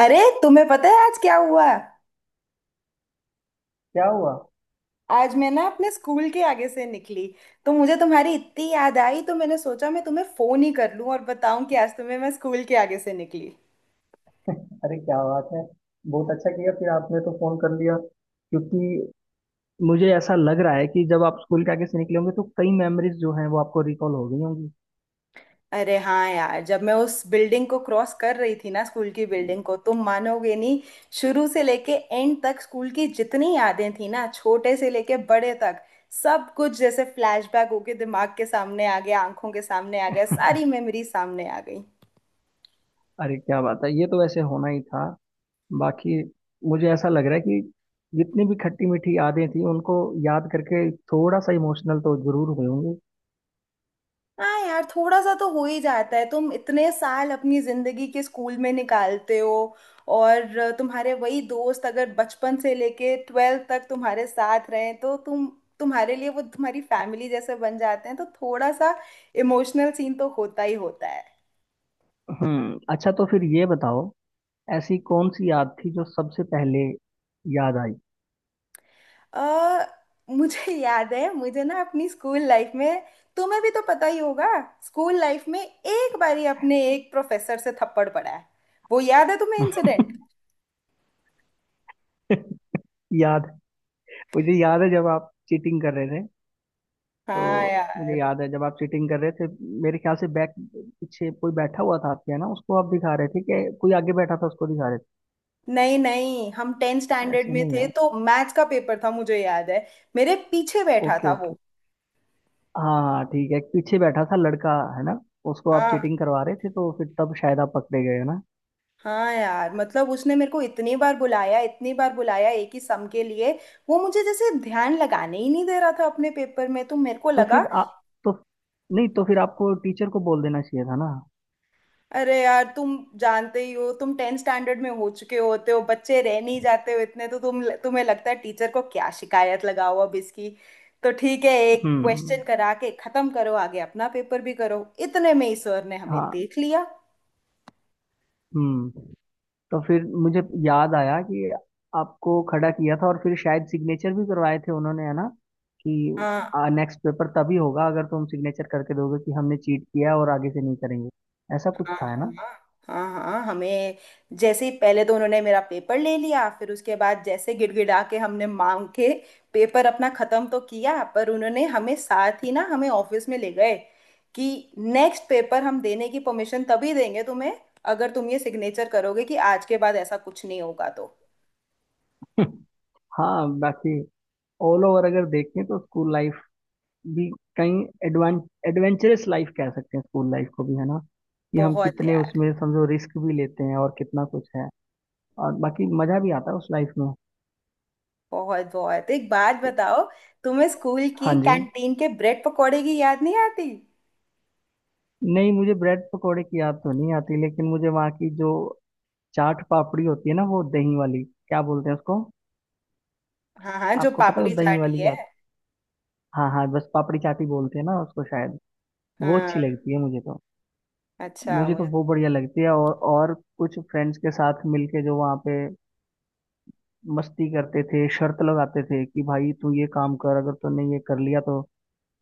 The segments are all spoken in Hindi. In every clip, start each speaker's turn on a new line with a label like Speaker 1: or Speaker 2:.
Speaker 1: अरे तुम्हें पता है आज क्या हुआ।
Speaker 2: क्या हुआ।
Speaker 1: आज मैं ना अपने स्कूल के आगे से निकली तो मुझे तुम्हारी इतनी याद आई तो मैंने सोचा मैं तुम्हें फोन ही कर लूं और बताऊं कि आज तुम्हें मैं स्कूल के आगे से निकली।
Speaker 2: अरे क्या बात है। बहुत अच्छा किया फिर आपने तो फोन कर लिया, क्योंकि मुझे ऐसा लग रहा है कि जब आप स्कूल के आगे से निकले होंगे तो कई मेमोरीज जो हैं वो आपको रिकॉल हो गई होंगी।
Speaker 1: अरे हाँ यार, जब मैं उस बिल्डिंग को क्रॉस कर रही थी ना, स्कूल की बिल्डिंग को, तुम मानोगे नहीं। शुरू से लेके एंड तक स्कूल की जितनी यादें थी ना, छोटे से लेके बड़े तक, सब कुछ जैसे फ्लैशबैक होके दिमाग के सामने आ गया, आंखों के सामने आ गया, सारी मेमोरी सामने आ गई।
Speaker 2: अरे क्या बात है, ये तो वैसे होना ही था। बाकी मुझे ऐसा लग रहा है कि जितनी भी खट्टी मीठी यादें थी उनको याद करके थोड़ा सा इमोशनल तो जरूर हुए होंगे।
Speaker 1: हाँ यार, थोड़ा सा तो हो ही जाता है। तुम इतने साल अपनी जिंदगी के स्कूल में निकालते हो और तुम्हारे वही दोस्त अगर बचपन से लेके ट्वेल्थ तक तुम्हारे साथ रहे तो तुम्हारे लिए वो तुम्हारी फैमिली जैसे बन जाते हैं, तो थोड़ा सा इमोशनल सीन तो होता ही होता है।
Speaker 2: हम्म। अच्छा तो फिर ये बताओ, ऐसी कौन सी याद थी जो सबसे पहले याद आई?
Speaker 1: अ मुझे याद है, मुझे ना अपनी स्कूल लाइफ में, तुम्हें भी तो पता ही होगा, स्कूल लाइफ में एक बारी अपने एक प्रोफेसर से थप्पड़ पड़ा है। वो याद है तुम्हें इंसिडेंट?
Speaker 2: याद। मुझे याद है जब आप चीटिंग कर रहे थे, तो
Speaker 1: हाँ यार।
Speaker 2: मुझे याद है जब आप चीटिंग कर रहे थे। मेरे ख्याल से बैक पीछे कोई बैठा हुआ था आपके, है ना? उसको आप दिखा रहे थे कि कोई आगे बैठा था उसको दिखा रहे
Speaker 1: नहीं नहीं, हम टेंथ
Speaker 2: थे,
Speaker 1: स्टैंडर्ड
Speaker 2: ऐसे
Speaker 1: में
Speaker 2: नहीं
Speaker 1: थे
Speaker 2: यार।
Speaker 1: तो मैथ्स का पेपर था मुझे याद है। मेरे पीछे बैठा
Speaker 2: ओके
Speaker 1: था
Speaker 2: ओके,
Speaker 1: वो।
Speaker 2: हाँ हाँ ठीक है, एक पीछे बैठा था लड़का, है ना? उसको आप
Speaker 1: हाँ
Speaker 2: चीटिंग करवा रहे थे तो फिर तब शायद आप पकड़े गए, है ना?
Speaker 1: हाँ यार, मतलब उसने मेरे को इतनी बार बुलाया, इतनी बार बुलाया एक ही सम के लिए। वो मुझे जैसे ध्यान लगाने ही नहीं दे रहा था अपने पेपर में, तो मेरे को
Speaker 2: तो
Speaker 1: लगा
Speaker 2: फिर आप तो, नहीं, तो फिर आपको टीचर को बोल देना चाहिए था ना।
Speaker 1: अरे यार, तुम जानते ही हो, तुम टेंथ स्टैंडर्ड में हो चुके होते हो, बच्चे रह नहीं जाते हो इतने, तो तुम, तुम्हें लगता है टीचर को क्या शिकायत लगाओ अब इसकी। तो ठीक है एक क्वेश्चन
Speaker 2: हम्म।
Speaker 1: करा के खत्म करो, आगे अपना पेपर भी करो। इतने में ही सर ने हमें
Speaker 2: हाँ।
Speaker 1: देख लिया।
Speaker 2: हम्म। तो फिर मुझे याद आया कि आपको खड़ा किया था और फिर शायद सिग्नेचर भी करवाए थे उन्होंने, है ना? कि नेक्स्ट पेपर तभी होगा अगर तुम सिग्नेचर करके दोगे कि हमने चीट किया है और आगे से नहीं करेंगे। ऐसा कुछ
Speaker 1: हाँ
Speaker 2: था, है ना?
Speaker 1: हाँ, हाँ हाँ, हमें जैसे ही, पहले तो उन्होंने मेरा पेपर ले लिया, फिर उसके बाद जैसे गिड़गिड़ा के हमने मांग के पेपर अपना खत्म तो किया, पर उन्होंने हमें साथ ही ना, हमें ऑफिस में ले गए कि नेक्स्ट पेपर हम देने की परमिशन तभी देंगे तुम्हें, अगर तुम ये सिग्नेचर करोगे कि आज के बाद ऐसा कुछ नहीं होगा तो।
Speaker 2: हाँ, बाकी ऑल ओवर अगर देखें तो स्कूल लाइफ भी कहीं एडवां एडवेंचरस लाइफ कह सकते हैं स्कूल लाइफ को भी, है ना? कि हम
Speaker 1: बहुत है
Speaker 2: कितने
Speaker 1: यार।
Speaker 2: उसमें समझो रिस्क भी लेते हैं और कितना कुछ है, और बाकी मजा भी आता है उस लाइफ में।
Speaker 1: बहुत बहुत। एक बात बताओ, तुम्हें स्कूल की
Speaker 2: हाँ जी।
Speaker 1: कैंटीन के ब्रेड पकौड़े की याद नहीं आती?
Speaker 2: नहीं, मुझे ब्रेड पकोड़े की याद तो नहीं आती, लेकिन मुझे वहाँ की जो चाट पापड़ी होती है ना, वो दही वाली, क्या बोलते हैं उसको?
Speaker 1: हाँ हाँ, जो
Speaker 2: आपको पता है
Speaker 1: पापड़ी
Speaker 2: वो दही
Speaker 1: चाट ही
Speaker 2: वाली
Speaker 1: है।
Speaker 2: चाट? हाँ हाँ, बस पापड़ी चाट ही बोलते हैं ना उसको शायद। वो अच्छी
Speaker 1: हाँ,
Speaker 2: लगती है मुझे तो।
Speaker 1: अच्छा
Speaker 2: मुझे तो
Speaker 1: मुझे।
Speaker 2: वो बढ़िया लगती है। और कुछ फ्रेंड्स के साथ मिलके जो वहाँ पे मस्ती करते थे, शर्त लगाते थे कि भाई तू ये काम कर, अगर तूने ये कर लिया तो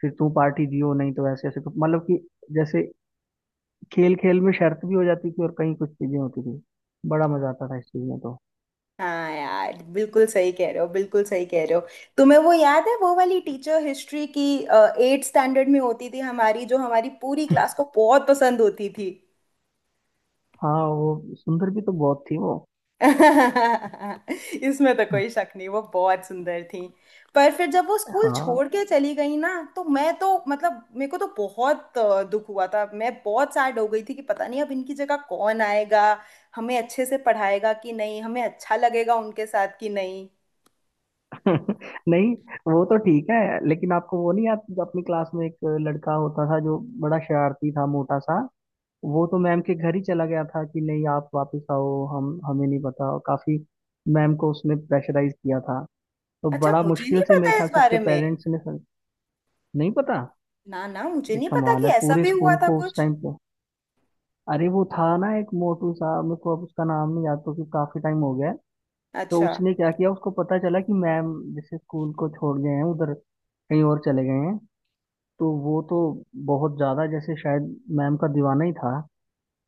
Speaker 2: फिर तू पार्टी दियो, नहीं तो ऐसे ऐसे मतलब कि जैसे खेल खेल में शर्त भी हो जाती थी और कहीं कुछ चीजें होती थी, बड़ा मजा आता था इस चीज में तो।
Speaker 1: हाँ यार, बिल्कुल सही कह रहे हो, बिल्कुल सही कह रहे हो। तुम्हें वो याद है, वो वाली टीचर हिस्ट्री की, एट स्टैंडर्ड में होती थी हमारी, जो हमारी पूरी क्लास को बहुत पसंद होती थी।
Speaker 2: हाँ वो सुंदर भी तो बहुत थी वो।
Speaker 1: इसमें तो कोई शक नहीं, वो बहुत सुंदर थी। पर फिर जब वो स्कूल
Speaker 2: हाँ।
Speaker 1: छोड़ के चली गई ना, तो मैं तो, मतलब मेरे को तो बहुत दुख हुआ था। मैं बहुत सैड हो गई थी कि पता नहीं अब इनकी जगह कौन आएगा, हमें अच्छे से पढ़ाएगा कि नहीं, हमें अच्छा लगेगा उनके साथ कि नहीं।
Speaker 2: नहीं, वो तो ठीक है, लेकिन आपको वो नहीं याद जब अपनी क्लास में एक लड़का होता था जो बड़ा शरारती था, मोटा सा? वो तो मैम के घर ही चला गया था कि नहीं आप वापस आओ, हम हमें नहीं पता, और काफी मैम को उसने प्रेशराइज किया था। तो
Speaker 1: अच्छा,
Speaker 2: बड़ा
Speaker 1: मुझे
Speaker 2: मुश्किल
Speaker 1: नहीं
Speaker 2: से मेरे
Speaker 1: पता
Speaker 2: ख्याल
Speaker 1: इस
Speaker 2: से उसके
Speaker 1: बारे में।
Speaker 2: पेरेंट्स ने नहीं पता।
Speaker 1: ना ना, मुझे
Speaker 2: ये
Speaker 1: नहीं पता
Speaker 2: कमाल
Speaker 1: कि
Speaker 2: है,
Speaker 1: ऐसा
Speaker 2: पूरे
Speaker 1: भी हुआ
Speaker 2: स्कूल
Speaker 1: था
Speaker 2: को उस
Speaker 1: कुछ।
Speaker 2: टाइम पे। अरे वो था ना, एक मोटू सा, मेरे को अब उसका नाम नहीं याद क्योंकि काफी टाइम हो गया है। तो
Speaker 1: अच्छा।
Speaker 2: उसने क्या किया, उसको पता चला कि मैम जैसे स्कूल को छोड़ गए हैं, उधर कहीं और चले गए हैं, तो वो तो बहुत ज़्यादा जैसे शायद मैम का दीवाना ही था।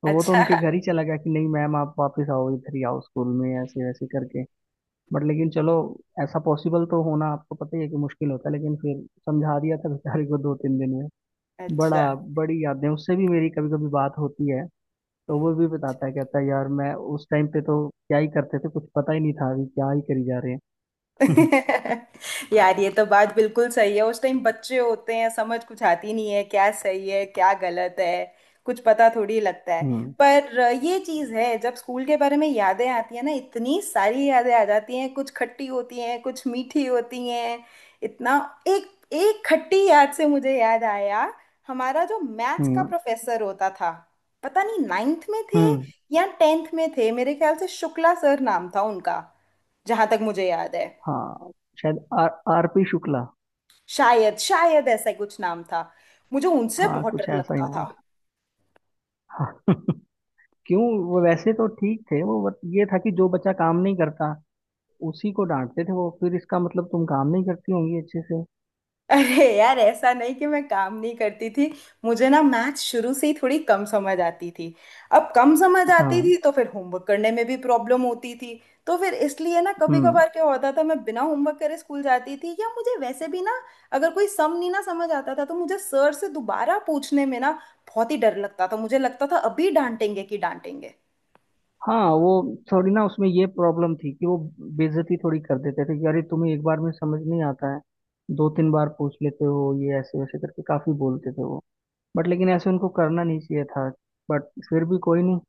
Speaker 2: तो वो तो
Speaker 1: अच्छा
Speaker 2: उनके घर ही चला गया कि नहीं मैम आप वापस आओ, इधर ही आओ स्कूल में, ऐसे ऐसे करके। बट लेकिन चलो, ऐसा पॉसिबल तो होना आपको पता ही है कि मुश्किल होता है, लेकिन फिर समझा दिया था बेचारे को दो तीन दिन में। बड़ा,
Speaker 1: अच्छा
Speaker 2: बड़ी यादें उससे भी मेरी, कभी कभी बात होती है तो वो भी बताता है, कहता है यार, मैं उस टाइम पे तो क्या ही करते थे, कुछ पता ही नहीं था, अभी क्या ही करी जा रहे हैं।
Speaker 1: यार, ये तो बात बिल्कुल सही है। उस टाइम बच्चे होते हैं, समझ कुछ आती नहीं है, क्या सही है क्या गलत है कुछ पता थोड़ी लगता है।
Speaker 2: हम्म।
Speaker 1: पर ये चीज है, जब स्कूल के बारे में यादें आती है ना, इतनी सारी यादें आ जाती हैं, कुछ खट्टी होती हैं, कुछ मीठी होती हैं। इतना, एक एक खट्टी याद से मुझे याद आया, हमारा जो मैथ्स का
Speaker 2: हम्म।
Speaker 1: प्रोफेसर होता था, पता नहीं नाइन्थ में थे
Speaker 2: हम्म।
Speaker 1: या टेंथ में थे, मेरे ख्याल से शुक्ला सर नाम था उनका, जहां तक मुझे याद है।
Speaker 2: हाँ शायद आर, आर पी शुक्ला।
Speaker 1: शायद, शायद ऐसा ही कुछ नाम था। मुझे उनसे
Speaker 2: हाँ
Speaker 1: बहुत
Speaker 2: कुछ
Speaker 1: डर
Speaker 2: ऐसा ही
Speaker 1: लगता
Speaker 2: नाम
Speaker 1: था।
Speaker 2: था। हाँ। क्यों? वो वैसे तो ठीक थे वो, बट ये था कि जो बच्चा काम नहीं करता उसी को डांटते थे वो, फिर इसका मतलब तुम काम नहीं करती होंगी अच्छे से।
Speaker 1: अरे यार, ऐसा नहीं कि मैं काम नहीं करती थी। मुझे ना मैथ शुरू से ही थोड़ी कम समझ आती थी। अब कम समझ आती
Speaker 2: हाँ।
Speaker 1: थी तो फिर होमवर्क करने में भी प्रॉब्लम होती थी। तो फिर इसलिए ना, कभी
Speaker 2: हम्म।
Speaker 1: कभार क्या होता था, मैं बिना होमवर्क करे स्कूल जाती थी, या मुझे वैसे भी ना, अगर कोई सम नहीं ना समझ आता था, तो मुझे सर से दोबारा पूछने में ना बहुत ही डर लगता था। मुझे लगता था अभी डांटेंगे कि डांटेंगे।
Speaker 2: हाँ वो थोड़ी ना उसमें ये प्रॉब्लम थी कि वो बेइज्जती थोड़ी कर देते थे कि अरे तुम्हें एक बार में समझ नहीं आता है, दो तीन बार पूछ लेते हो, ये ऐसे वैसे करके काफी बोलते थे वो। बट लेकिन ऐसे उनको करना नहीं चाहिए था, बट फिर भी कोई नहीं।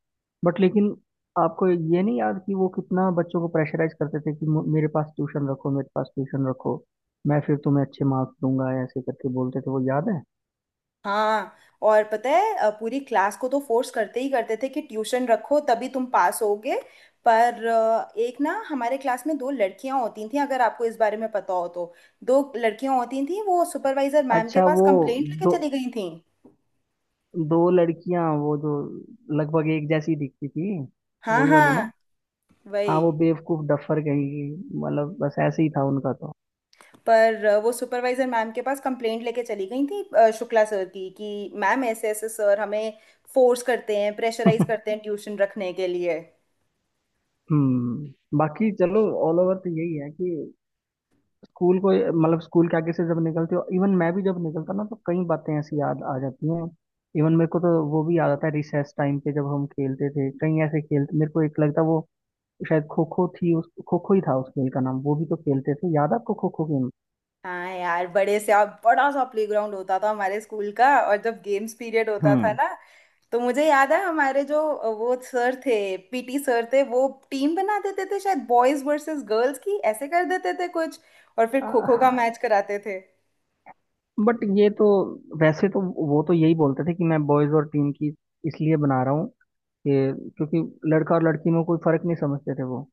Speaker 2: बट लेकिन आपको ये नहीं याद कि वो कितना बच्चों को प्रेशराइज करते थे कि मेरे पास ट्यूशन रखो, मेरे पास ट्यूशन रखो, मैं फिर तुम्हें अच्छे मार्क्स दूंगा, ऐसे करके बोलते थे वो, याद है?
Speaker 1: हाँ। और पता है पूरी क्लास को तो फोर्स करते ही करते थे कि ट्यूशन रखो तभी तुम पास होगे। पर एक ना, हमारे क्लास में दो लड़कियां होती थी, अगर आपको इस बारे में पता हो तो। दो लड़कियां होती थी, वो सुपरवाइजर मैम के
Speaker 2: अच्छा,
Speaker 1: पास
Speaker 2: वो
Speaker 1: कंप्लेंट लेके
Speaker 2: दो,
Speaker 1: चली गई थी।
Speaker 2: दो लड़कियां वो जो लगभग एक जैसी दिखती थी,
Speaker 1: हाँ
Speaker 2: वही वाली ना।
Speaker 1: हाँ,
Speaker 2: हाँ वो
Speaker 1: वही।
Speaker 2: बेवकूफ डफर कहेंगी, मतलब बस ऐसे ही था उनका तो।
Speaker 1: पर वो सुपरवाइजर मैम के पास कंप्लेंट लेके चली गई थी, शुक्ला सर की, कि मैम ऐसे ऐसे सर हमें फोर्स करते हैं, प्रेशराइज करते हैं ट्यूशन रखने के लिए।
Speaker 2: हम्म, बाकी चलो ऑल ओवर तो यही है कि स्कूल को, मतलब स्कूल के आगे से जब निकलते हो, इवन मैं भी जब निकलता ना तो कई बातें ऐसी याद आ जाती हैं। इवन मेरे को तो वो भी याद आता है रिसेस टाइम पे जब हम खेलते थे कई ऐसे खेल, मेरे को एक लगता है वो शायद खो खो थी, उस खो खो ही था उस खेल का नाम, वो भी तो खेलते थे, याद है आपको खो खो गेम?
Speaker 1: हाँ यार, बड़े से और बड़ा सा प्लेग्राउंड होता था हमारे स्कूल का, और जब गेम्स पीरियड होता था
Speaker 2: हम्म।
Speaker 1: ना, तो मुझे याद है हमारे जो वो सर थे, पीटी सर थे, वो टीम बना देते थे शायद बॉयज वर्सेस गर्ल्स की, ऐसे कर देते थे कुछ, और फिर खो खो का मैच कराते थे।
Speaker 2: बट ये तो, वैसे तो, वो तो यही बोलते थे कि मैं बॉयज और टीम की इसलिए बना रहा हूँ, ये क्योंकि लड़का और लड़की में कोई फर्क नहीं समझते थे वो।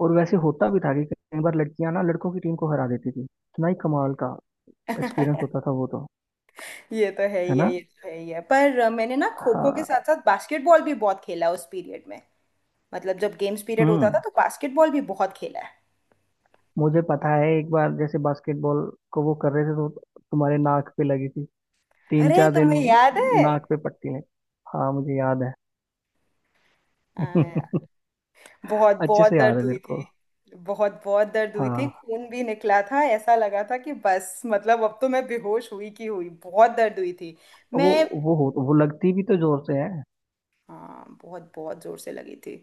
Speaker 2: और वैसे होता भी था कि कई बार लड़कियां ना लड़कों की टीम को हरा देती थी, इतना ही कमाल का एक्सपीरियंस होता था वो तो।
Speaker 1: ये तो है
Speaker 2: है
Speaker 1: ही है,
Speaker 2: ना?
Speaker 1: ये तो है ही है। पर मैंने ना खो खो के
Speaker 2: हाँ।
Speaker 1: साथ साथ बास्केटबॉल भी बहुत खेला उस पीरियड में। मतलब जब गेम्स पीरियड होता था
Speaker 2: हम्म।
Speaker 1: तो बास्केटबॉल भी बहुत खेला है।
Speaker 2: मुझे पता है, एक बार जैसे बास्केटबॉल को वो कर रहे थे, तो तुम्हारे नाक पे लगी थी, तीन
Speaker 1: अरे
Speaker 2: चार दिन
Speaker 1: तुम्हें याद है?
Speaker 2: नाक पे पट्टी लगी। हाँ मुझे याद है।
Speaker 1: हाँ, बहुत
Speaker 2: अच्छे
Speaker 1: बहुत
Speaker 2: से याद
Speaker 1: दर्द
Speaker 2: है
Speaker 1: हुई
Speaker 2: मेरे
Speaker 1: थी।
Speaker 2: को।
Speaker 1: बहुत बहुत दर्द हुई थी,
Speaker 2: हाँ
Speaker 1: खून भी निकला था, ऐसा लगा था कि बस मतलब अब तो मैं बेहोश हुई की हुई, बहुत दर्द हुई थी।
Speaker 2: वो
Speaker 1: मैं,
Speaker 2: वो हो वो लगती भी तो जोर से है।
Speaker 1: हाँ बहुत बहुत जोर से लगी थी।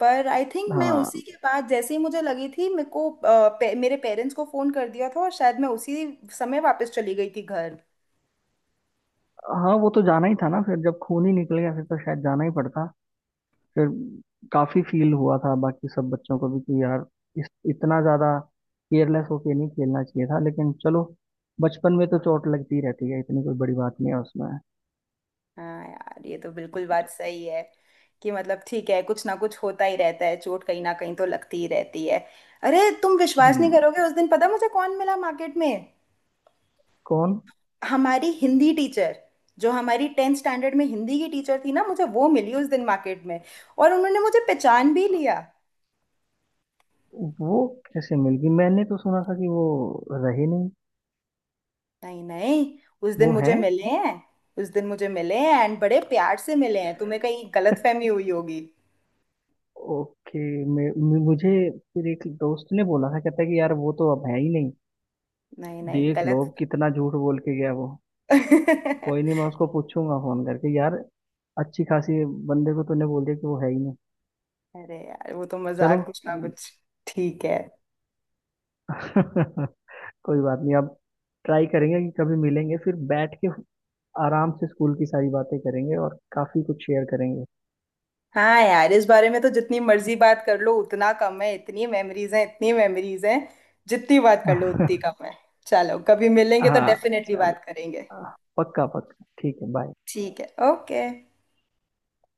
Speaker 1: पर आई थिंक मैं उसी
Speaker 2: हाँ
Speaker 1: के बाद, जैसे ही मुझे लगी थी मेरे को, मेरे पेरेंट्स को फ़ोन कर दिया था, और शायद मैं उसी समय वापस चली गई थी घर।
Speaker 2: हाँ, वो तो जाना ही था ना फिर, जब खून ही निकल गया फिर तो शायद जाना ही पड़ता। फिर काफी फील हुआ था बाकी सब बच्चों को भी कि यार इस इतना ज्यादा केयरलेस होके नहीं खेलना चाहिए था, लेकिन चलो, बचपन में तो चोट लगती रहती है, इतनी कोई बड़ी बात नहीं है उसमें।
Speaker 1: हाँ यार, ये तो बिल्कुल बात सही है, कि मतलब ठीक है, कुछ ना कुछ होता ही रहता है, चोट कहीं ना कहीं तो लगती ही रहती है। अरे तुम विश्वास नहीं
Speaker 2: हम्म।
Speaker 1: करोगे, उस दिन पता मुझे कौन मिला मार्केट में।
Speaker 2: कौन?
Speaker 1: हमारी हिंदी टीचर, जो हमारी टेंथ स्टैंडर्ड में हिंदी की टीचर थी ना, मुझे वो मिली उस दिन मार्केट में, और उन्होंने मुझे पहचान भी लिया।
Speaker 2: वो कैसे मिल गई, मैंने तो सुना था कि वो रहे नहीं।
Speaker 1: नहीं नहीं, उस दिन
Speaker 2: वो है?
Speaker 1: मुझे मिले हैं। उस दिन मुझे मिले हैं, एंड बड़े प्यार से मिले हैं। तुम्हें कहीं गलतफहमी हुई होगी।
Speaker 2: ओके। मुझे फिर एक दोस्त ने बोला था, कहता है कि यार वो तो अब है ही नहीं।
Speaker 1: नहीं नहीं,
Speaker 2: देख लो
Speaker 1: गलत।
Speaker 2: कितना झूठ बोल के गया वो। कोई नहीं, मैं उसको पूछूंगा फोन करके, यार अच्छी खासी बंदे को तूने बोल दिया कि वो है ही नहीं।
Speaker 1: अरे यार, वो तो
Speaker 2: चलो।
Speaker 1: मजाक कुछ ना कुछ। ठीक है।
Speaker 2: कोई बात नहीं अब, ट्राई करेंगे कि कभी मिलेंगे, फिर बैठ के आराम से स्कूल की सारी बातें करेंगे और काफी कुछ शेयर करेंगे।
Speaker 1: हाँ यार, इस बारे में तो जितनी मर्जी बात कर लो उतना कम है, इतनी मेमोरीज हैं, इतनी मेमोरीज हैं, जितनी बात कर लो उतनी कम है। चलो, कभी मिलेंगे तो
Speaker 2: हाँ
Speaker 1: डेफिनेटली
Speaker 2: चलो।
Speaker 1: बात करेंगे।
Speaker 2: हाँ, पक्का पक्का ठीक है, बाय।
Speaker 1: ठीक है, ओके।